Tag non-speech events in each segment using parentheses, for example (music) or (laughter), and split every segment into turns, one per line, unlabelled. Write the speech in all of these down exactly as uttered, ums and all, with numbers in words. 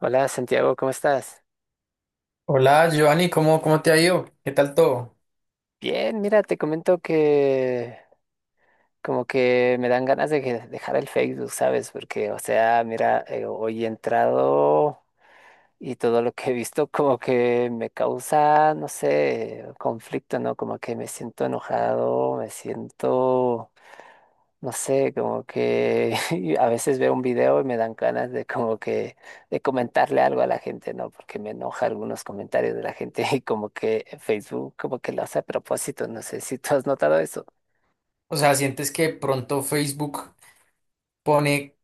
Hola Santiago, ¿cómo estás?
Hola, Giovanni, ¿cómo, cómo te ha ido? ¿Qué tal todo?
Bien, mira, te comento que como que me dan ganas de que- dejar el Facebook, ¿sabes? Porque, o sea, mira, eh, hoy he entrado y todo lo que he visto como que me causa, no sé, conflicto, ¿no? Como que me siento enojado, me siento, no sé, como que (laughs) a veces veo un video y me dan ganas de como que de comentarle algo a la gente, ¿no? Porque me enoja algunos comentarios de la gente (laughs) y como que Facebook como que lo hace a propósito, no sé si tú has notado eso.
O sea, ¿sientes que pronto Facebook pone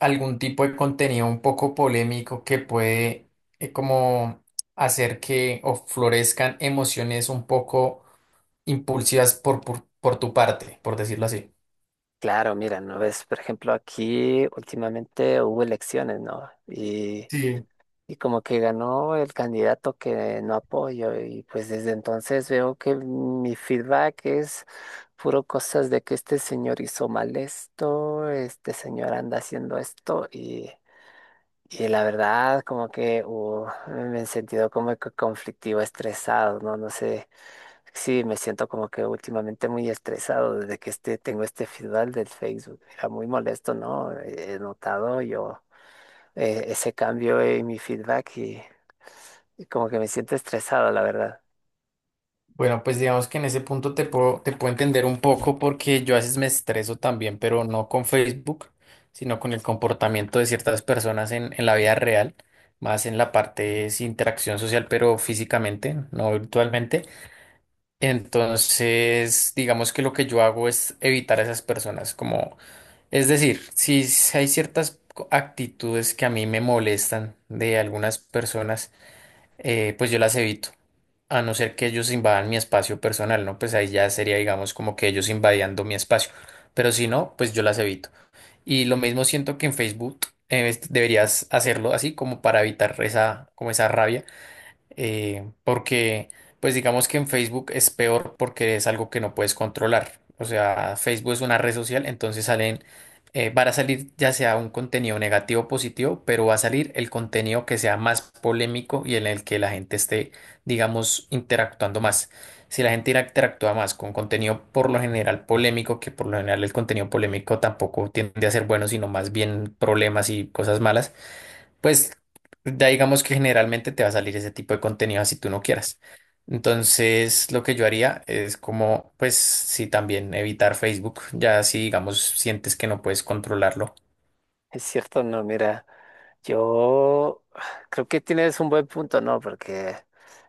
algún tipo de contenido un poco polémico que puede eh, como hacer que o florezcan emociones un poco impulsivas por, por, por tu parte, por decirlo así?
Claro, mira, ¿no ves? Por ejemplo, aquí últimamente hubo elecciones, ¿no? y
Sí.
Y como que ganó el candidato que no apoyo y pues desde entonces veo que mi feedback es puro cosas de que este señor hizo mal esto, este señor anda haciendo esto, y, y la verdad como que uh, me he sentido como que conflictivo, estresado, ¿no? No sé, sí, me siento como que últimamente muy estresado desde que este, tengo este feedback del Facebook. Era muy molesto, ¿no? He he notado yo eh, ese cambio en mi feedback y y como que me siento estresado, la verdad.
Bueno, pues digamos que en ese punto te puedo, te puedo entender un poco porque yo a veces me estreso también, pero no con Facebook, sino con el comportamiento de ciertas personas en, en la vida real, más en la parte es interacción social, pero físicamente, no virtualmente. Entonces, digamos que lo que yo hago es evitar a esas personas, como, es decir, si s- hay ciertas co- actitudes que a mí me molestan de algunas personas. Eh, pues yo las evito. A no ser que ellos invadan mi espacio personal, ¿no? Pues ahí ya sería, digamos, como que ellos invadiendo mi espacio. Pero si no, pues yo las evito. Y lo mismo siento que en Facebook. Eh, es- deberías hacerlo así como para evitar esa, como esa rabia, eh, porque pues digamos que en Facebook es peor porque es algo que no puedes controlar. O sea, Facebook es una red social, entonces salen, eh, van a salir ya sea un contenido negativo o positivo, pero va a salir el contenido que sea más polémico y en el que la gente esté, digamos, interactuando más. Si la gente interactúa más con contenido por lo general polémico, que por lo general el contenido polémico tampoco tiende a ser bueno, sino más bien problemas y cosas malas, pues ya digamos que generalmente te va a salir ese tipo de contenido si tú no quieras. Entonces, lo que yo haría es como, pues, sí, también evitar Facebook, ya si digamos sientes que no puedes controlarlo.
Es cierto, no, mira, yo creo que tienes un buen punto, ¿no? Porque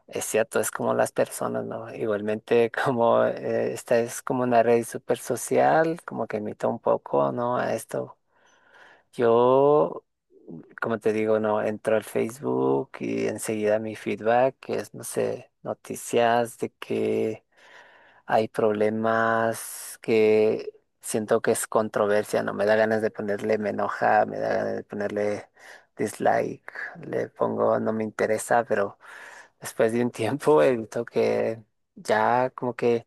es cierto, es como las personas, ¿no? Igualmente, (laughs) como eh, esta es como una red súper social, como que imita un poco, ¿no? A esto. Yo, como te digo, no, entro al Facebook y enseguida mi feedback, que es, no sé, noticias de que hay problemas que siento que es controversia, no me da ganas de ponerle, me enoja, me da ganas de ponerle dislike, le pongo no me interesa, pero después de un (laughs) tiempo he visto que ya como que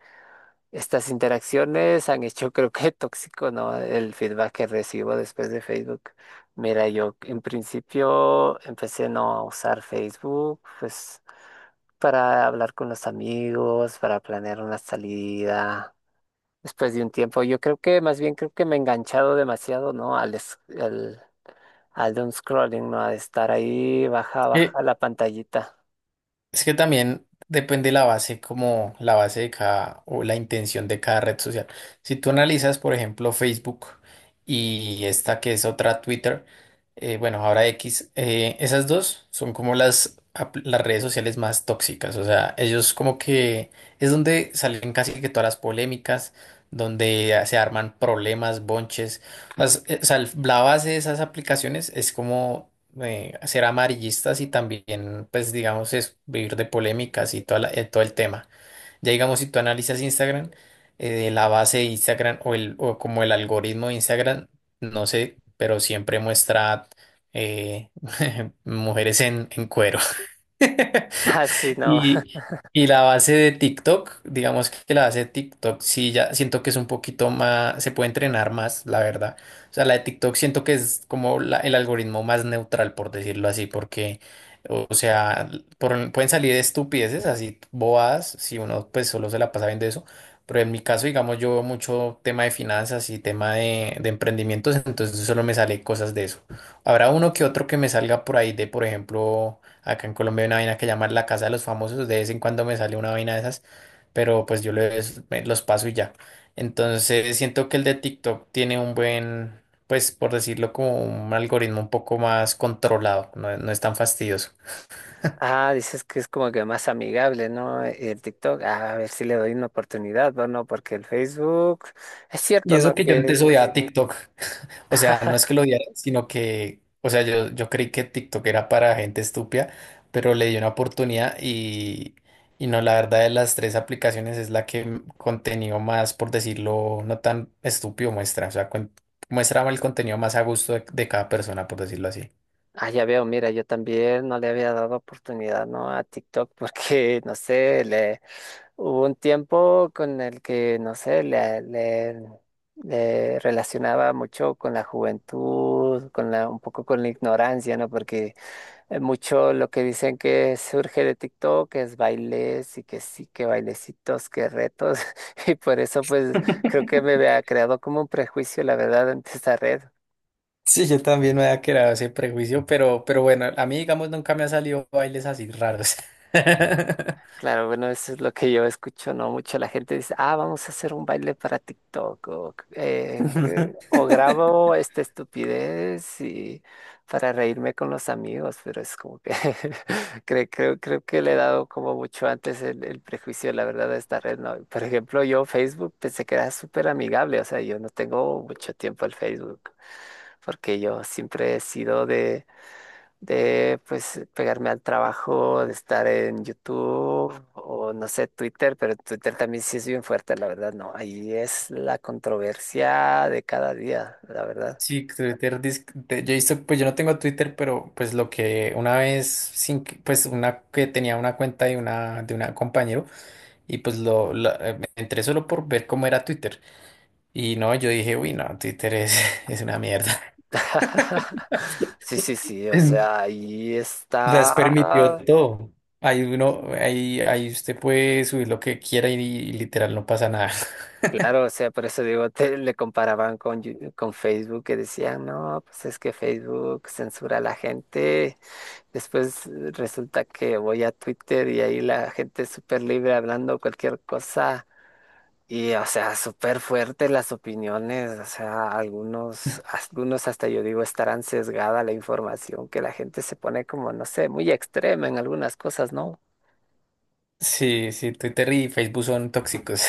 estas interacciones han hecho creo que tóxico, ¿no? El feedback que recibo después de Facebook. Mira, yo en principio empecé no a usar Facebook, pues para hablar con los amigos, para planear una salida después de un tiempo. Yo creo que más bien creo que me he enganchado demasiado, ¿no? Al, es- al, al doom scrolling, ¿no? A estar ahí, baja,
Eh,
baja la pantallita. (laughs)
Es que también depende la base, como la base de cada o la intención de cada red social. Si tú analizas, por ejemplo, Facebook y esta que es otra Twitter, eh, bueno, ahora X, eh, esas dos son como las, apl- las redes sociales más tóxicas. O sea, ellos como que es donde salen casi que todas las polémicas, donde se arman problemas, bonches. Las- eh, o sea, el- la base de esas aplicaciones es como, eh, ser amarillistas y también, pues, digamos, es vivir de polémicas y toda la- eh, todo el tema. Ya digamos, si tú analizas Instagram, eh, la base de Instagram o, el, o como el algoritmo de Instagram, no sé, pero siempre muestra, eh, (laughs) mujeres en, en cuero.
Ah, sí, no.
Y,
(laughs)
y la base de TikTok, digamos que la base de TikTok sí ya siento que es un poquito más, se puede entrenar más, la verdad. O sea, la de TikTok siento que es como la- el algoritmo más neutral, por decirlo así, porque, o o sea, por- pueden salir estupideces así bobadas si uno pues solo se la pasa viendo eso. Pero en mi caso, digamos, yo veo mucho tema de finanzas y tema de, de emprendimientos, entonces solo me sale cosas de eso. Habrá uno que otro que me salga por ahí de, por ejemplo. Acá en Colombia hay una vaina que llaman la casa de los famosos. De vez en cuando me sale una vaina de esas, pero pues yo los, me- los paso y ya. Entonces siento que el de TikTok tiene un buen, pues por decirlo como un algoritmo un poco más controlado. No, no es tan fastidioso.
Ah, dices que es como que más amigable, ¿no? El TikTok, ah, a ver si le doy una oportunidad, bueno, porque el Facebook, es
Y
cierto, ¿no?
eso que yo antes
Que es-
odiaba TikTok. O sea, no es
(laughs)
que lo odiara, sino que, o sea, yo, yo creí que TikTok era para gente estúpida, pero le di una oportunidad y, y no, la verdad de las tres aplicaciones es la que m- contenido más, por decirlo, no tan estúpido muestra, o sea, cuen- muestra el contenido más a gusto de, de cada persona, por decirlo así.
Ah, ya veo, mira, yo también no le había dado oportunidad, ¿no? A TikTok. (laughs) Porque, no sé, le hubo un tiempo con el que, no sé, le, le, le relacionaba mucho con la juventud, con la, un poco con la ignorancia, ¿no? Porque eh, mucho lo que dicen que surge de TikTok es bailes y que sí, que bailecitos, que retos, (laughs) y por eso pues creo que me había creado como un prejuicio, la verdad, ante esta red.
Sí, yo también me había creado ese prejuicio, pero, pero bueno, a mí, digamos, nunca me ha salido bailes así raros. (laughs)
Claro, bueno, eso es lo que yo escucho, ¿no? Mucho la gente dice, ah, vamos a hacer un baile para TikTok, o, eh, eh, o grabo esta estupidez y para reírme con los amigos, pero es como que (laughs) creo, creo, creo que le he dado como mucho antes el, el prejuicio, la verdad, de esta red, ¿no? Por ejemplo, yo Facebook pensé que era súper amigable, o sea, yo no tengo mucho tiempo al Facebook, porque yo siempre he sido de de pues pegarme al trabajo, de estar en YouTube o no sé, Twitter, pero Twitter también sí es bien fuerte, la verdad, no, ahí es la controversia de cada día, la verdad.
Sí, Twitter, dis- de- yo he visto, pues yo no tengo Twitter, pero pues lo que una vez, sin, que- pues una que tenía una cuenta de una, de una compañero, y pues lo, la- eh, me entré solo por ver cómo era Twitter. Y no, yo dije, uy, no, Twitter es, (laughs) es una mierda.
(laughs) Sí, sí,
(laughs)
sí, o
En-
sea, ahí
O sea, es permitido
está,
todo. Ahí uno, ahí, ahí usted puede subir lo que quiera y, y literal no pasa nada. (laughs)
claro, o sea, por eso digo, te- le comparaban con, Yu- con Facebook, que decían, no, pues es que Facebook censura a la gente. Después, eh, resulta que voy a Twitter y ahí la gente es súper libre hablando cualquier cosa y, o sea, súper fuertes las opiniones, o sea, algunos, algunos hasta yo digo estarán sesgada la información, que la gente se pone como, no sé, muy extrema en algunas cosas, ¿no?
Sí, sí, Twitter y Facebook son tóxicos.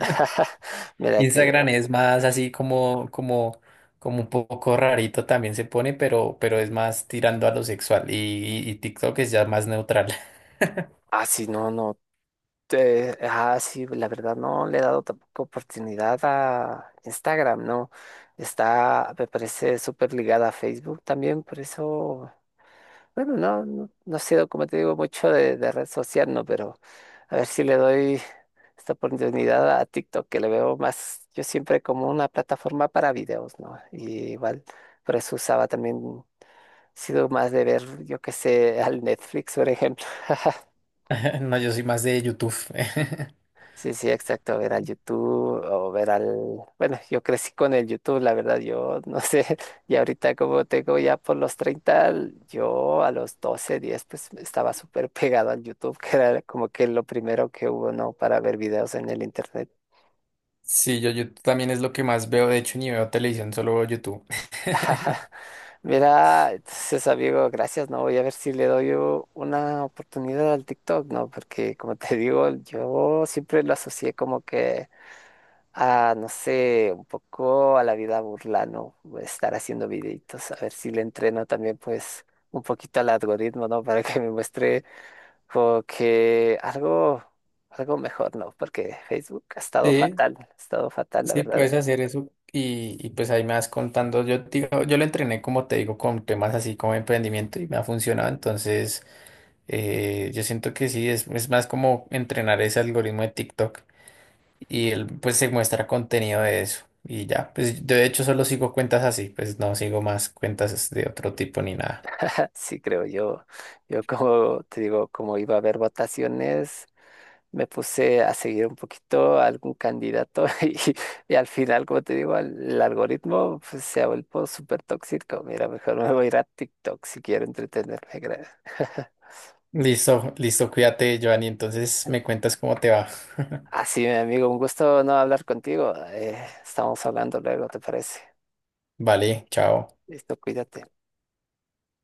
(laughs) Mira que,
Instagram es más así como, como, como un poco rarito también se pone, pero, pero es más tirando a lo sexual. Y, y- y TikTok es ya más neutral.
así no, no, eh, ah, sí, la verdad no le he dado tampoco oportunidad a Instagram, ¿no? Está, me parece súper ligada a Facebook también, por eso. Bueno, no, no, no sé, como te digo, mucho de, de red social, no, pero a ver si le doy esta oportunidad a TikTok, que le veo más, yo siempre como una plataforma para videos, ¿no? Y igual, por eso usaba también, sido más de ver, yo qué sé, al Netflix, por ejemplo. (laughs)
(laughs) No, yo soy más de YouTube. (laughs)
Sí, sí, exacto, ver al YouTube o ver al... Bueno, yo crecí con el YouTube, la verdad, yo no sé, (laughs) y ahorita como tengo ya por los treinta, yo a los doce diez pues estaba súper pegado al YouTube, que era como que lo primero que hubo, ¿no? Para ver videos en el Internet.
Sí, yo, yo también es lo que más veo. De hecho, ni veo televisión, solo veo YouTube.
(laughs) Mira, entonces amigo, gracias, ¿no? Voy a ver si le doy u- una oportunidad al TikTok, ¿no? Porque como te digo, yo siempre lo asocié como que a, no sé, un poco a la vida burlano, estar haciendo videitos, a ver si le entreno también, pues, un poquito al algoritmo, ¿no? (laughs) Para que me muestre como que algo, algo mejor, ¿no? Porque Facebook ha estado
Sí,
fatal, ha estado fatal, la
sí,
verdad.
puedes hacer eso. Y, y pues ahí me vas contando. Yo, te digo, yo lo entrené, como te digo, con temas así como emprendimiento y me ha funcionado. Entonces, eh, yo siento que sí, es, es más como entrenar ese algoritmo de TikTok. Y él pues se muestra contenido de eso y ya, pues yo de hecho solo sigo cuentas así, pues no sigo más cuentas de otro tipo ni nada.
(laughs) Sí, creo yo. Yo como te digo, como iba a haber votaciones. Me puse a seguir un poquito a algún candidato, (laughs) y, y al final, como te digo, al- el, algoritmo pues, se ha vuelto súper tóxico. Mira, mejor me voy a ir a TikTok si quiero entretenerme, creo. (laughs)
Listo, listo, cuídate, Joanny, entonces me cuentas cómo te va.
Así, mi amigo, un gusto no hablar contigo. Eh, estamos hablando luego, ¿te parece?
(laughs) Vale, chao.
Listo, cuídate.